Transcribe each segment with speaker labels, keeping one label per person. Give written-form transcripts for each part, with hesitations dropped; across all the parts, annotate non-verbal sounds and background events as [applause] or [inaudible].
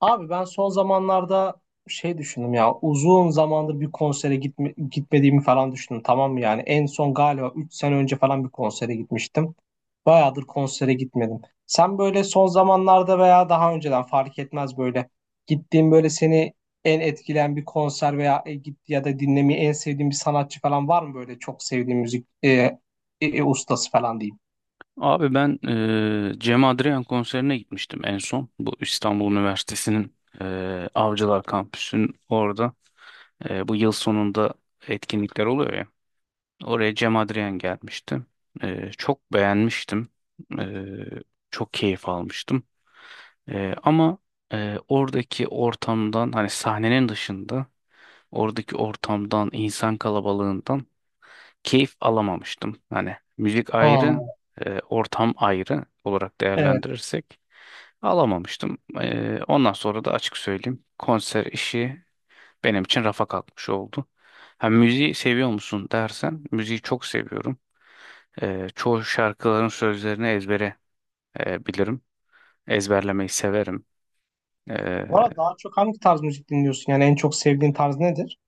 Speaker 1: Abi ben son zamanlarda şey düşündüm ya, uzun zamandır bir konsere gitmediğimi falan düşündüm, tamam mı? Yani en son galiba 3 sene önce falan bir konsere gitmiştim. Bayağıdır konsere gitmedim. Sen böyle son zamanlarda veya daha önceden fark etmez, böyle gittiğin, böyle seni en etkileyen bir konser veya e, git ya da dinlemeyi en sevdiğin bir sanatçı falan var mı, böyle çok sevdiğin müzik ustası falan diyeyim?
Speaker 2: Abi ben Cem Adrian konserine gitmiştim en son. Bu İstanbul Üniversitesi'nin Avcılar Kampüsü'nün orada. Bu yıl sonunda etkinlikler oluyor ya. Oraya Cem Adrian gelmişti. Çok beğenmiştim. Eee, Çok keyif almıştım. Ama oradaki ortamdan hani sahnenin dışında oradaki ortamdan, insan kalabalığından keyif alamamıştım. Hani müzik ayrı,
Speaker 1: Hmm,
Speaker 2: ortam ayrı olarak
Speaker 1: evet.
Speaker 2: değerlendirirsek alamamıştım. Ondan sonra da açık söyleyeyim, konser işi benim için rafa kalkmış oldu. Ha, müziği seviyor musun dersen, müziği çok seviyorum. Çoğu şarkıların sözlerini ezbere bilirim. Ezberlemeyi severim. E,
Speaker 1: Bu arada daha çok hangi tarz müzik dinliyorsun, yani en çok sevdiğin tarz nedir?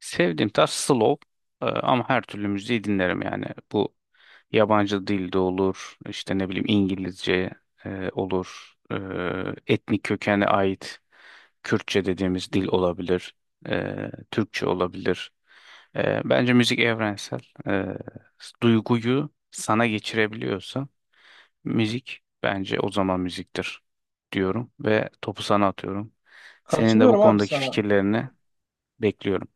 Speaker 2: Sevdiğim tarz slow, ama her türlü müziği dinlerim yani. Bu yabancı dilde olur, işte ne bileyim İngilizce olur, etnik kökene ait Kürtçe dediğimiz dil olabilir, Türkçe olabilir. Bence müzik evrensel. E, Duyguyu sana geçirebiliyorsa müzik, bence o zaman müziktir diyorum ve topu sana atıyorum. Senin de bu
Speaker 1: Katılıyorum abi
Speaker 2: konudaki
Speaker 1: sana.
Speaker 2: fikirlerini bekliyorum.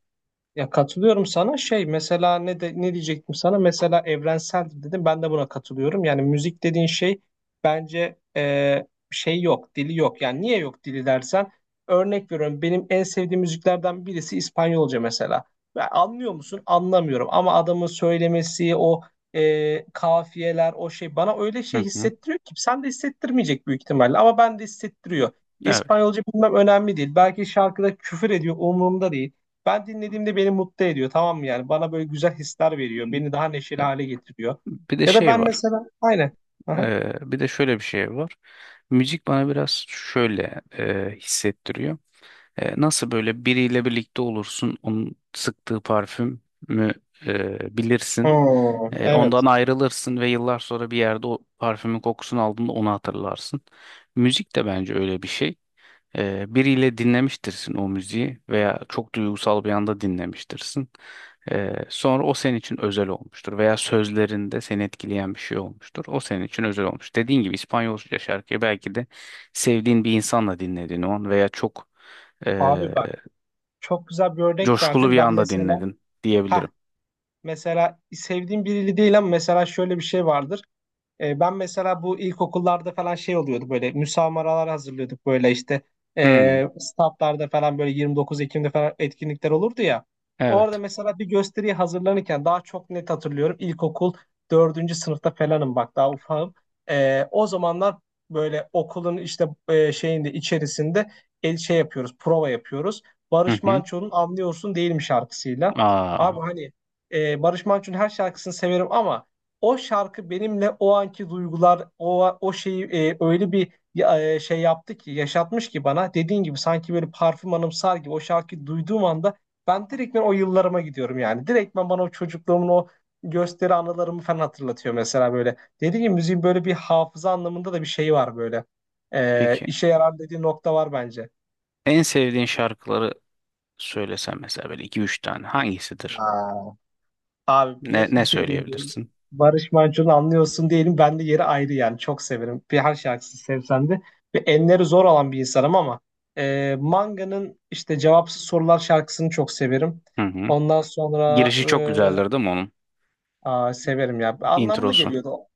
Speaker 1: Ya katılıyorum sana, şey mesela ne de ne diyecektim sana, mesela evrenseldir dedim, ben de buna katılıyorum. Yani müzik dediğin şey bence şey yok dili, yok yani. Niye yok dili dersen, örnek veriyorum, benim en sevdiğim müziklerden birisi İspanyolca mesela. Ya anlıyor musun? Anlamıyorum ama adamın söylemesi, o kafiyeler, o şey bana öyle şey
Speaker 2: Hı hı.
Speaker 1: hissettiriyor ki sen de hissettirmeyecek büyük ihtimalle ama ben de hissettiriyor.
Speaker 2: Evet.
Speaker 1: İspanyolca bilmem önemli değil, belki şarkıda küfür ediyor, umurumda değil. Ben dinlediğimde beni mutlu ediyor, tamam mı? Yani bana böyle güzel hisler veriyor, beni daha neşeli hale getiriyor
Speaker 2: Bir de
Speaker 1: ya da
Speaker 2: şey
Speaker 1: ben
Speaker 2: var.
Speaker 1: mesela aynen. Aha.
Speaker 2: Bir de şöyle bir şey var. Müzik bana biraz şöyle hissettiriyor. Nasıl böyle biriyle birlikte olursun, onun sıktığı parfümü bilirsin.
Speaker 1: Hmm,
Speaker 2: Ondan
Speaker 1: evet.
Speaker 2: ayrılırsın ve yıllar sonra bir yerde o parfümün kokusunu aldığında onu hatırlarsın. Müzik de bence öyle bir şey. Biriyle dinlemiştirsin o müziği veya çok duygusal bir anda dinlemiştirsin. Sonra o senin için özel olmuştur veya sözlerinde seni etkileyen bir şey olmuştur. O senin için özel olmuş. Dediğin gibi İspanyolca şarkıyı belki de sevdiğin bir insanla dinledin o an veya çok e,
Speaker 1: Abi bak, çok güzel bir örnek
Speaker 2: coşkulu
Speaker 1: verdim
Speaker 2: bir
Speaker 1: ben
Speaker 2: anda
Speaker 1: mesela.
Speaker 2: dinledin
Speaker 1: Ha
Speaker 2: diyebilirim.
Speaker 1: mesela sevdiğim biriyle değil ama mesela şöyle bir şey vardır. Ben mesela bu ilkokullarda falan şey oluyordu, böyle müsamaralar hazırlıyorduk, böyle işte
Speaker 2: Hmm,
Speaker 1: statlarda falan böyle 29 Ekim'de falan etkinlikler olurdu ya. Orada
Speaker 2: evet.
Speaker 1: mesela bir gösteriye hazırlanırken daha çok net hatırlıyorum, ilkokul dördüncü sınıfta falanım, bak daha ufağım. O zamanlar böyle okulun işte şeyinde, içerisinde el şey yapıyoruz, prova yapıyoruz.
Speaker 2: Hı
Speaker 1: Barış
Speaker 2: hı.
Speaker 1: Manço'nun Anlıyorsun Değil mi şarkısıyla.
Speaker 2: Aa,
Speaker 1: Abi hani Barış Manço'nun her şarkısını severim ama o şarkı benimle o anki duygular, o şeyi öyle bir şey yaptı ki, yaşatmış ki bana. Dediğin gibi sanki böyle parfüm anımsar gibi, o şarkıyı duyduğum anda ben direktmen o yıllarıma gidiyorum yani. Direktmen bana o çocukluğumun o gösteri anılarımı falan hatırlatıyor mesela böyle. Dediğim gibi müziğin böyle bir hafıza anlamında da bir şey var böyle.
Speaker 2: peki.
Speaker 1: İşe yarar dediği nokta var bence.
Speaker 2: En sevdiğin şarkıları söylesem mesela, böyle iki üç tane hangisidir?
Speaker 1: Aa. Abi
Speaker 2: Ne,
Speaker 1: bir
Speaker 2: ne
Speaker 1: [laughs] dediğim gibi
Speaker 2: söyleyebilirsin?
Speaker 1: Barış Manço'nu anlıyorsun diyelim. Ben de yeri ayrı yani. Çok severim. Bir her şarkısını sevsem de. Ve enleri zor olan bir insanım ama Manga'nın işte Cevapsız Sorular şarkısını çok severim.
Speaker 2: Hı hı.
Speaker 1: Ondan sonra
Speaker 2: Girişi çok güzeldir değil mi onun?
Speaker 1: severim ya. Anlamlı
Speaker 2: Introsu
Speaker 1: geliyordu o.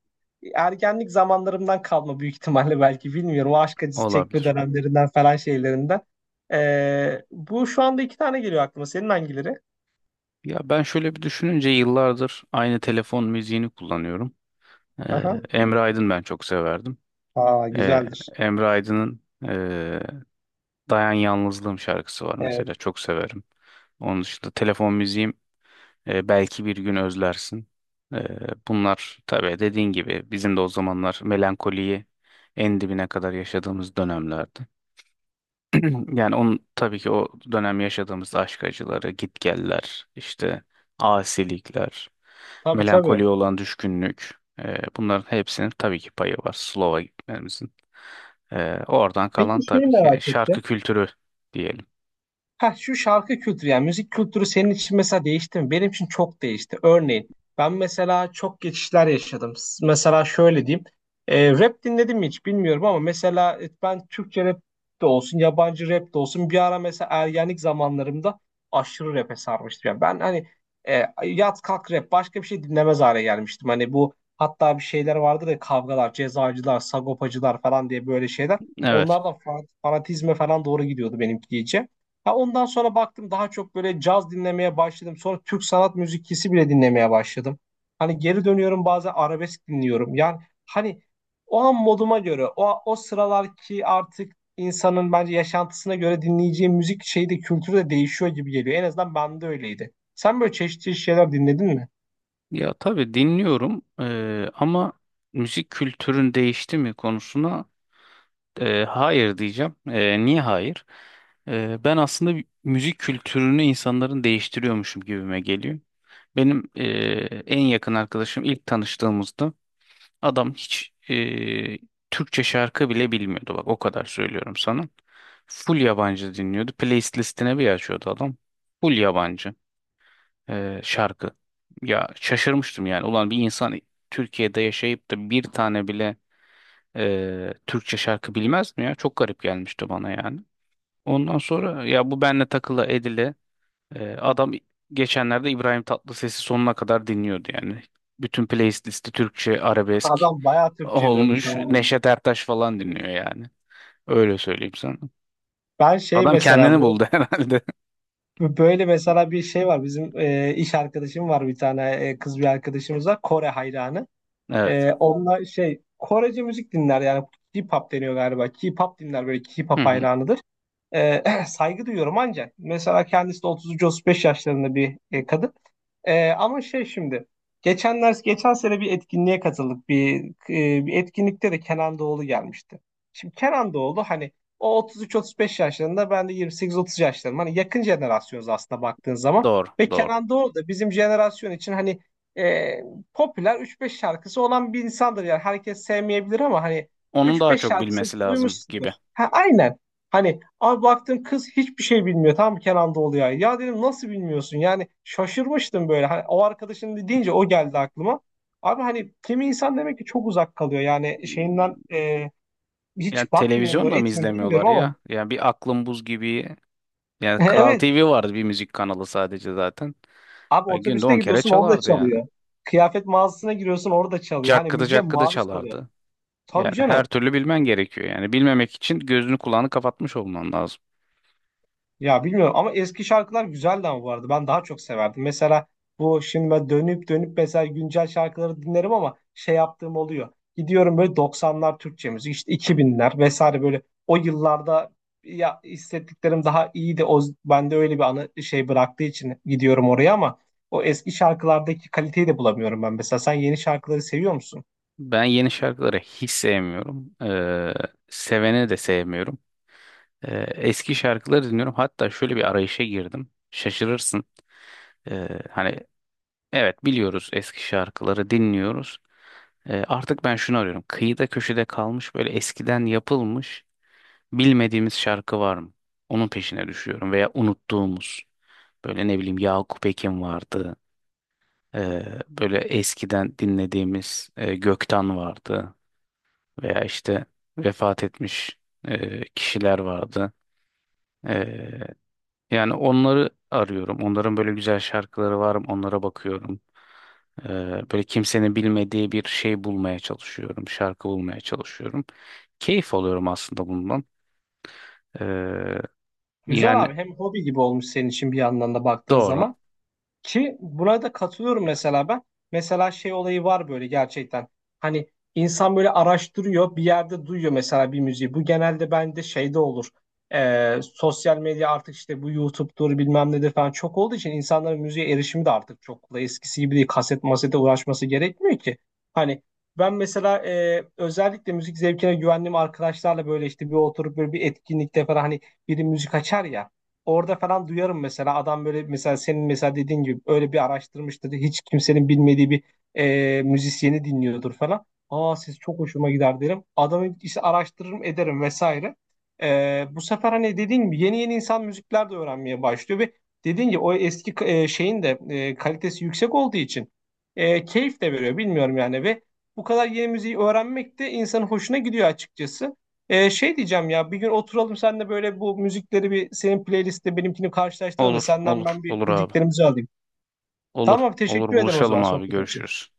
Speaker 1: Ergenlik zamanlarımdan kalma büyük ihtimalle, belki bilmiyorum. O aşk acısı çekme
Speaker 2: olabilir.
Speaker 1: dönemlerinden falan şeylerinden. Bu şu anda iki tane geliyor aklıma. Senin hangileri?
Speaker 2: Ya ben şöyle bir düşününce, yıllardır aynı telefon müziğini kullanıyorum. Ee,
Speaker 1: Aha.
Speaker 2: Emre Aydın ben çok severdim.
Speaker 1: Aa,
Speaker 2: Ee,
Speaker 1: güzeldir.
Speaker 2: Emre Aydın'ın ee, Dayan Yalnızlığım şarkısı var
Speaker 1: Evet.
Speaker 2: mesela, çok severim. Onun dışında telefon müziğim Belki Bir Gün Özlersin. Ee, Bunlar tabii dediğin gibi bizim de o zamanlar melankoliyi en dibine kadar yaşadığımız dönemlerdi. [clears throat] Yani onun tabii ki o dönem yaşadığımız aşk acıları, gitgeller, işte asilikler,
Speaker 1: Tabii tabii.
Speaker 2: melankoliye olan düşkünlük, bunların hepsinin tabii ki payı var Slova gitmemizin. Oradan kalan
Speaker 1: Peki şeyi
Speaker 2: tabii ki
Speaker 1: merak ettim.
Speaker 2: şarkı kültürü diyelim.
Speaker 1: Ha şu şarkı kültürü, yani müzik kültürü senin için mesela değişti mi? Benim için çok değişti. Örneğin ben mesela çok geçişler yaşadım. Mesela şöyle diyeyim. Rap dinledim mi hiç bilmiyorum ama mesela ben Türkçe rap de olsun, yabancı rap de olsun, bir ara mesela ergenlik zamanlarımda aşırı rap'e sarmıştım. Yani ben hani yat kalk rap, başka bir şey dinlemez hale gelmiştim. Hani bu, hatta bir şeyler vardı da, kavgalar, cezacılar, sagopacılar falan diye böyle şeyler.
Speaker 2: Evet.
Speaker 1: Onlardan fanatizme falan doğru gidiyordu benimki iyice. Ha ondan sonra baktım daha çok böyle caz dinlemeye başladım. Sonra Türk sanat müziklisi bile dinlemeye başladım. Hani geri dönüyorum, bazen arabesk dinliyorum. Yani hani o an moduma göre, o sıralar ki artık insanın bence yaşantısına göre dinleyeceği müzik şeyi de kültürü de değişiyor gibi geliyor. En azından bende öyleydi. Sen böyle çeşitli çeşitli şeyler dinledin mi?
Speaker 2: Ya tabii dinliyorum, ama müzik kültürün değişti mi konusuna hayır diyeceğim. Niye hayır? Ben aslında müzik kültürünü insanların değiştiriyormuşum gibime geliyor. Benim en yakın arkadaşım ilk tanıştığımızda adam hiç Türkçe şarkı bile bilmiyordu. Bak o kadar söylüyorum sana. Full yabancı dinliyordu. Playlist listine bir açıyordu adam. Full yabancı şarkı. Ya şaşırmıştım yani. Ulan bir insan Türkiye'de yaşayıp da bir tane bile Türkçe şarkı bilmez mi ya? Çok garip gelmişti bana yani. Ondan sonra ya bu benle takılı edile adam geçenlerde İbrahim Tatlıses'i sonuna kadar dinliyordu yani. Bütün playlisti Türkçe arabesk
Speaker 1: Adam bayağı Türkçe'ye dönmüş
Speaker 2: olmuş.
Speaker 1: ama.
Speaker 2: Neşet Ertaş falan dinliyor yani. Öyle söyleyeyim sana.
Speaker 1: Ben şey
Speaker 2: Adam
Speaker 1: mesela
Speaker 2: kendini
Speaker 1: bu
Speaker 2: buldu [laughs] herhalde.
Speaker 1: bu böyle mesela bir şey var. Bizim iş arkadaşım var, bir tane kız bir arkadaşımız var. Kore hayranı.
Speaker 2: Evet.
Speaker 1: Onunla şey Korece müzik dinler, yani K-pop deniyor galiba. K-pop dinler, böyle
Speaker 2: Hı
Speaker 1: K-pop
Speaker 2: hı.
Speaker 1: hayranıdır. Ee, [clears throat] saygı duyuyorum ancak mesela kendisi de 33-35 yaşlarında bir kadın. Ama şey şimdi geçen sene bir etkinliğe katıldık. Bir etkinlikte de Kenan Doğulu gelmişti. Şimdi Kenan Doğulu hani o 33-35 yaşlarında, ben de 28-30 yaşlarım. Hani yakın jenerasyonuz aslında baktığın zaman.
Speaker 2: Doğru,
Speaker 1: Ve
Speaker 2: doğru.
Speaker 1: Kenan Doğulu da bizim jenerasyon için hani e, popüler 3-5 şarkısı olan bir insandır. Yani herkes sevmeyebilir ama hani
Speaker 2: Onun daha
Speaker 1: 3-5
Speaker 2: çok
Speaker 1: şarkısı
Speaker 2: bilmesi lazım
Speaker 1: duymuşsundur.
Speaker 2: gibi.
Speaker 1: Ha, aynen. Hani abi baktım kız hiçbir şey bilmiyor tam Kenan Doğulu'ya. Ya dedim nasıl bilmiyorsun? Yani şaşırmıştım böyle. Hani o arkadaşın deyince o geldi aklıma. Abi hani kimi insan demek ki çok uzak kalıyor. Yani şeyinden
Speaker 2: Yani
Speaker 1: hiç bakmıyor
Speaker 2: televizyon
Speaker 1: mu
Speaker 2: da mı
Speaker 1: etmiyor
Speaker 2: izlemiyorlar
Speaker 1: bilmiyorum ama.
Speaker 2: ya? Yani bir Aklım Buz gibi. Yani Kral
Speaker 1: [laughs] Evet.
Speaker 2: TV vardı, bir müzik kanalı sadece zaten.
Speaker 1: Abi
Speaker 2: Ay, günde
Speaker 1: otobüste
Speaker 2: 10 kere
Speaker 1: gidiyorsun orada
Speaker 2: çalardı yani.
Speaker 1: çalıyor. Kıyafet mağazasına giriyorsun orada çalıyor. Hani
Speaker 2: Cakkıdı
Speaker 1: müziğe
Speaker 2: cakkıdı
Speaker 1: maruz kalıyor.
Speaker 2: çalardı.
Speaker 1: Tabii
Speaker 2: Yani her
Speaker 1: canım.
Speaker 2: türlü bilmen gerekiyor yani. Bilmemek için gözünü kulağını kapatmış olman lazım.
Speaker 1: Ya bilmiyorum ama eski şarkılar güzeldi ama bu arada. Ben daha çok severdim. Mesela bu şimdi ben dönüp dönüp mesela güncel şarkıları dinlerim ama şey yaptığım oluyor. Gidiyorum böyle 90'lar Türkçe müzik, işte 2000'ler vesaire, böyle o yıllarda ya hissettiklerim daha iyiydi. De o bende öyle bir anı şey bıraktığı için gidiyorum oraya ama o eski şarkılardaki kaliteyi de bulamıyorum ben. Mesela sen yeni şarkıları seviyor musun?
Speaker 2: Ben yeni şarkıları hiç sevmiyorum. Seveni de sevmiyorum. Eski şarkıları dinliyorum. Hatta şöyle bir arayışa girdim. Şaşırırsın. Hani evet, biliyoruz, eski şarkıları dinliyoruz. Artık ben şunu arıyorum. Kıyıda köşede kalmış, böyle eskiden yapılmış bilmediğimiz şarkı var mı? Onun peşine düşüyorum, veya unuttuğumuz. Böyle ne bileyim Yakup Ekin vardı. Böyle eskiden dinlediğimiz Gökten vardı. Veya işte vefat etmiş kişiler vardı. Yani onları arıyorum. Onların böyle güzel şarkıları var mı? Onlara bakıyorum. Ee, Böyle kimsenin bilmediği bir şey bulmaya çalışıyorum. Şarkı bulmaya çalışıyorum. Keyif alıyorum aslında bundan. Ee,
Speaker 1: Güzel
Speaker 2: yani
Speaker 1: abi, hem hobi gibi olmuş senin için bir yandan da baktığın
Speaker 2: doğru.
Speaker 1: zaman. Ki buna da katılıyorum mesela ben. Mesela şey olayı var böyle gerçekten. Hani insan böyle araştırıyor, bir yerde duyuyor mesela bir müziği. Bu genelde bende şeyde olur. Sosyal medya artık işte, bu YouTube'dur bilmem nedir falan çok olduğu için, insanların müziğe erişimi de artık çok kolay. Eskisi gibi değil, kaset masete uğraşması gerekmiyor ki. Hani ben mesela özellikle müzik zevkine güvendiğim arkadaşlarla böyle işte bir oturup böyle bir etkinlikte falan hani biri müzik açar ya. Orada falan duyarım mesela, adam böyle mesela senin mesela dediğin gibi öyle bir araştırmıştır. Hiç kimsenin bilmediği bir müzisyeni dinliyordur falan. Aa siz çok hoşuma gider derim. Adamı işte araştırırım ederim vesaire. Bu sefer hani dediğin gibi yeni yeni insan müzikler de öğrenmeye başlıyor ve dediğin gibi o eski şeyin de kalitesi yüksek olduğu için keyif de veriyor bilmiyorum yani, ve bu kadar yeni müziği öğrenmek de insanın hoşuna gidiyor açıkçası. Şey diyeceğim ya, bir gün oturalım senle böyle bu müzikleri, bir senin playlistte benimkini karşılaştıralım da
Speaker 2: Olur,
Speaker 1: senden
Speaker 2: olur,
Speaker 1: ben bir
Speaker 2: olur abi.
Speaker 1: bildiklerimizi alayım.
Speaker 2: Olur,
Speaker 1: Tamam abi,
Speaker 2: olur
Speaker 1: teşekkür ederim o zaman
Speaker 2: buluşalım abi.
Speaker 1: sohbet için.
Speaker 2: Görüşürüz.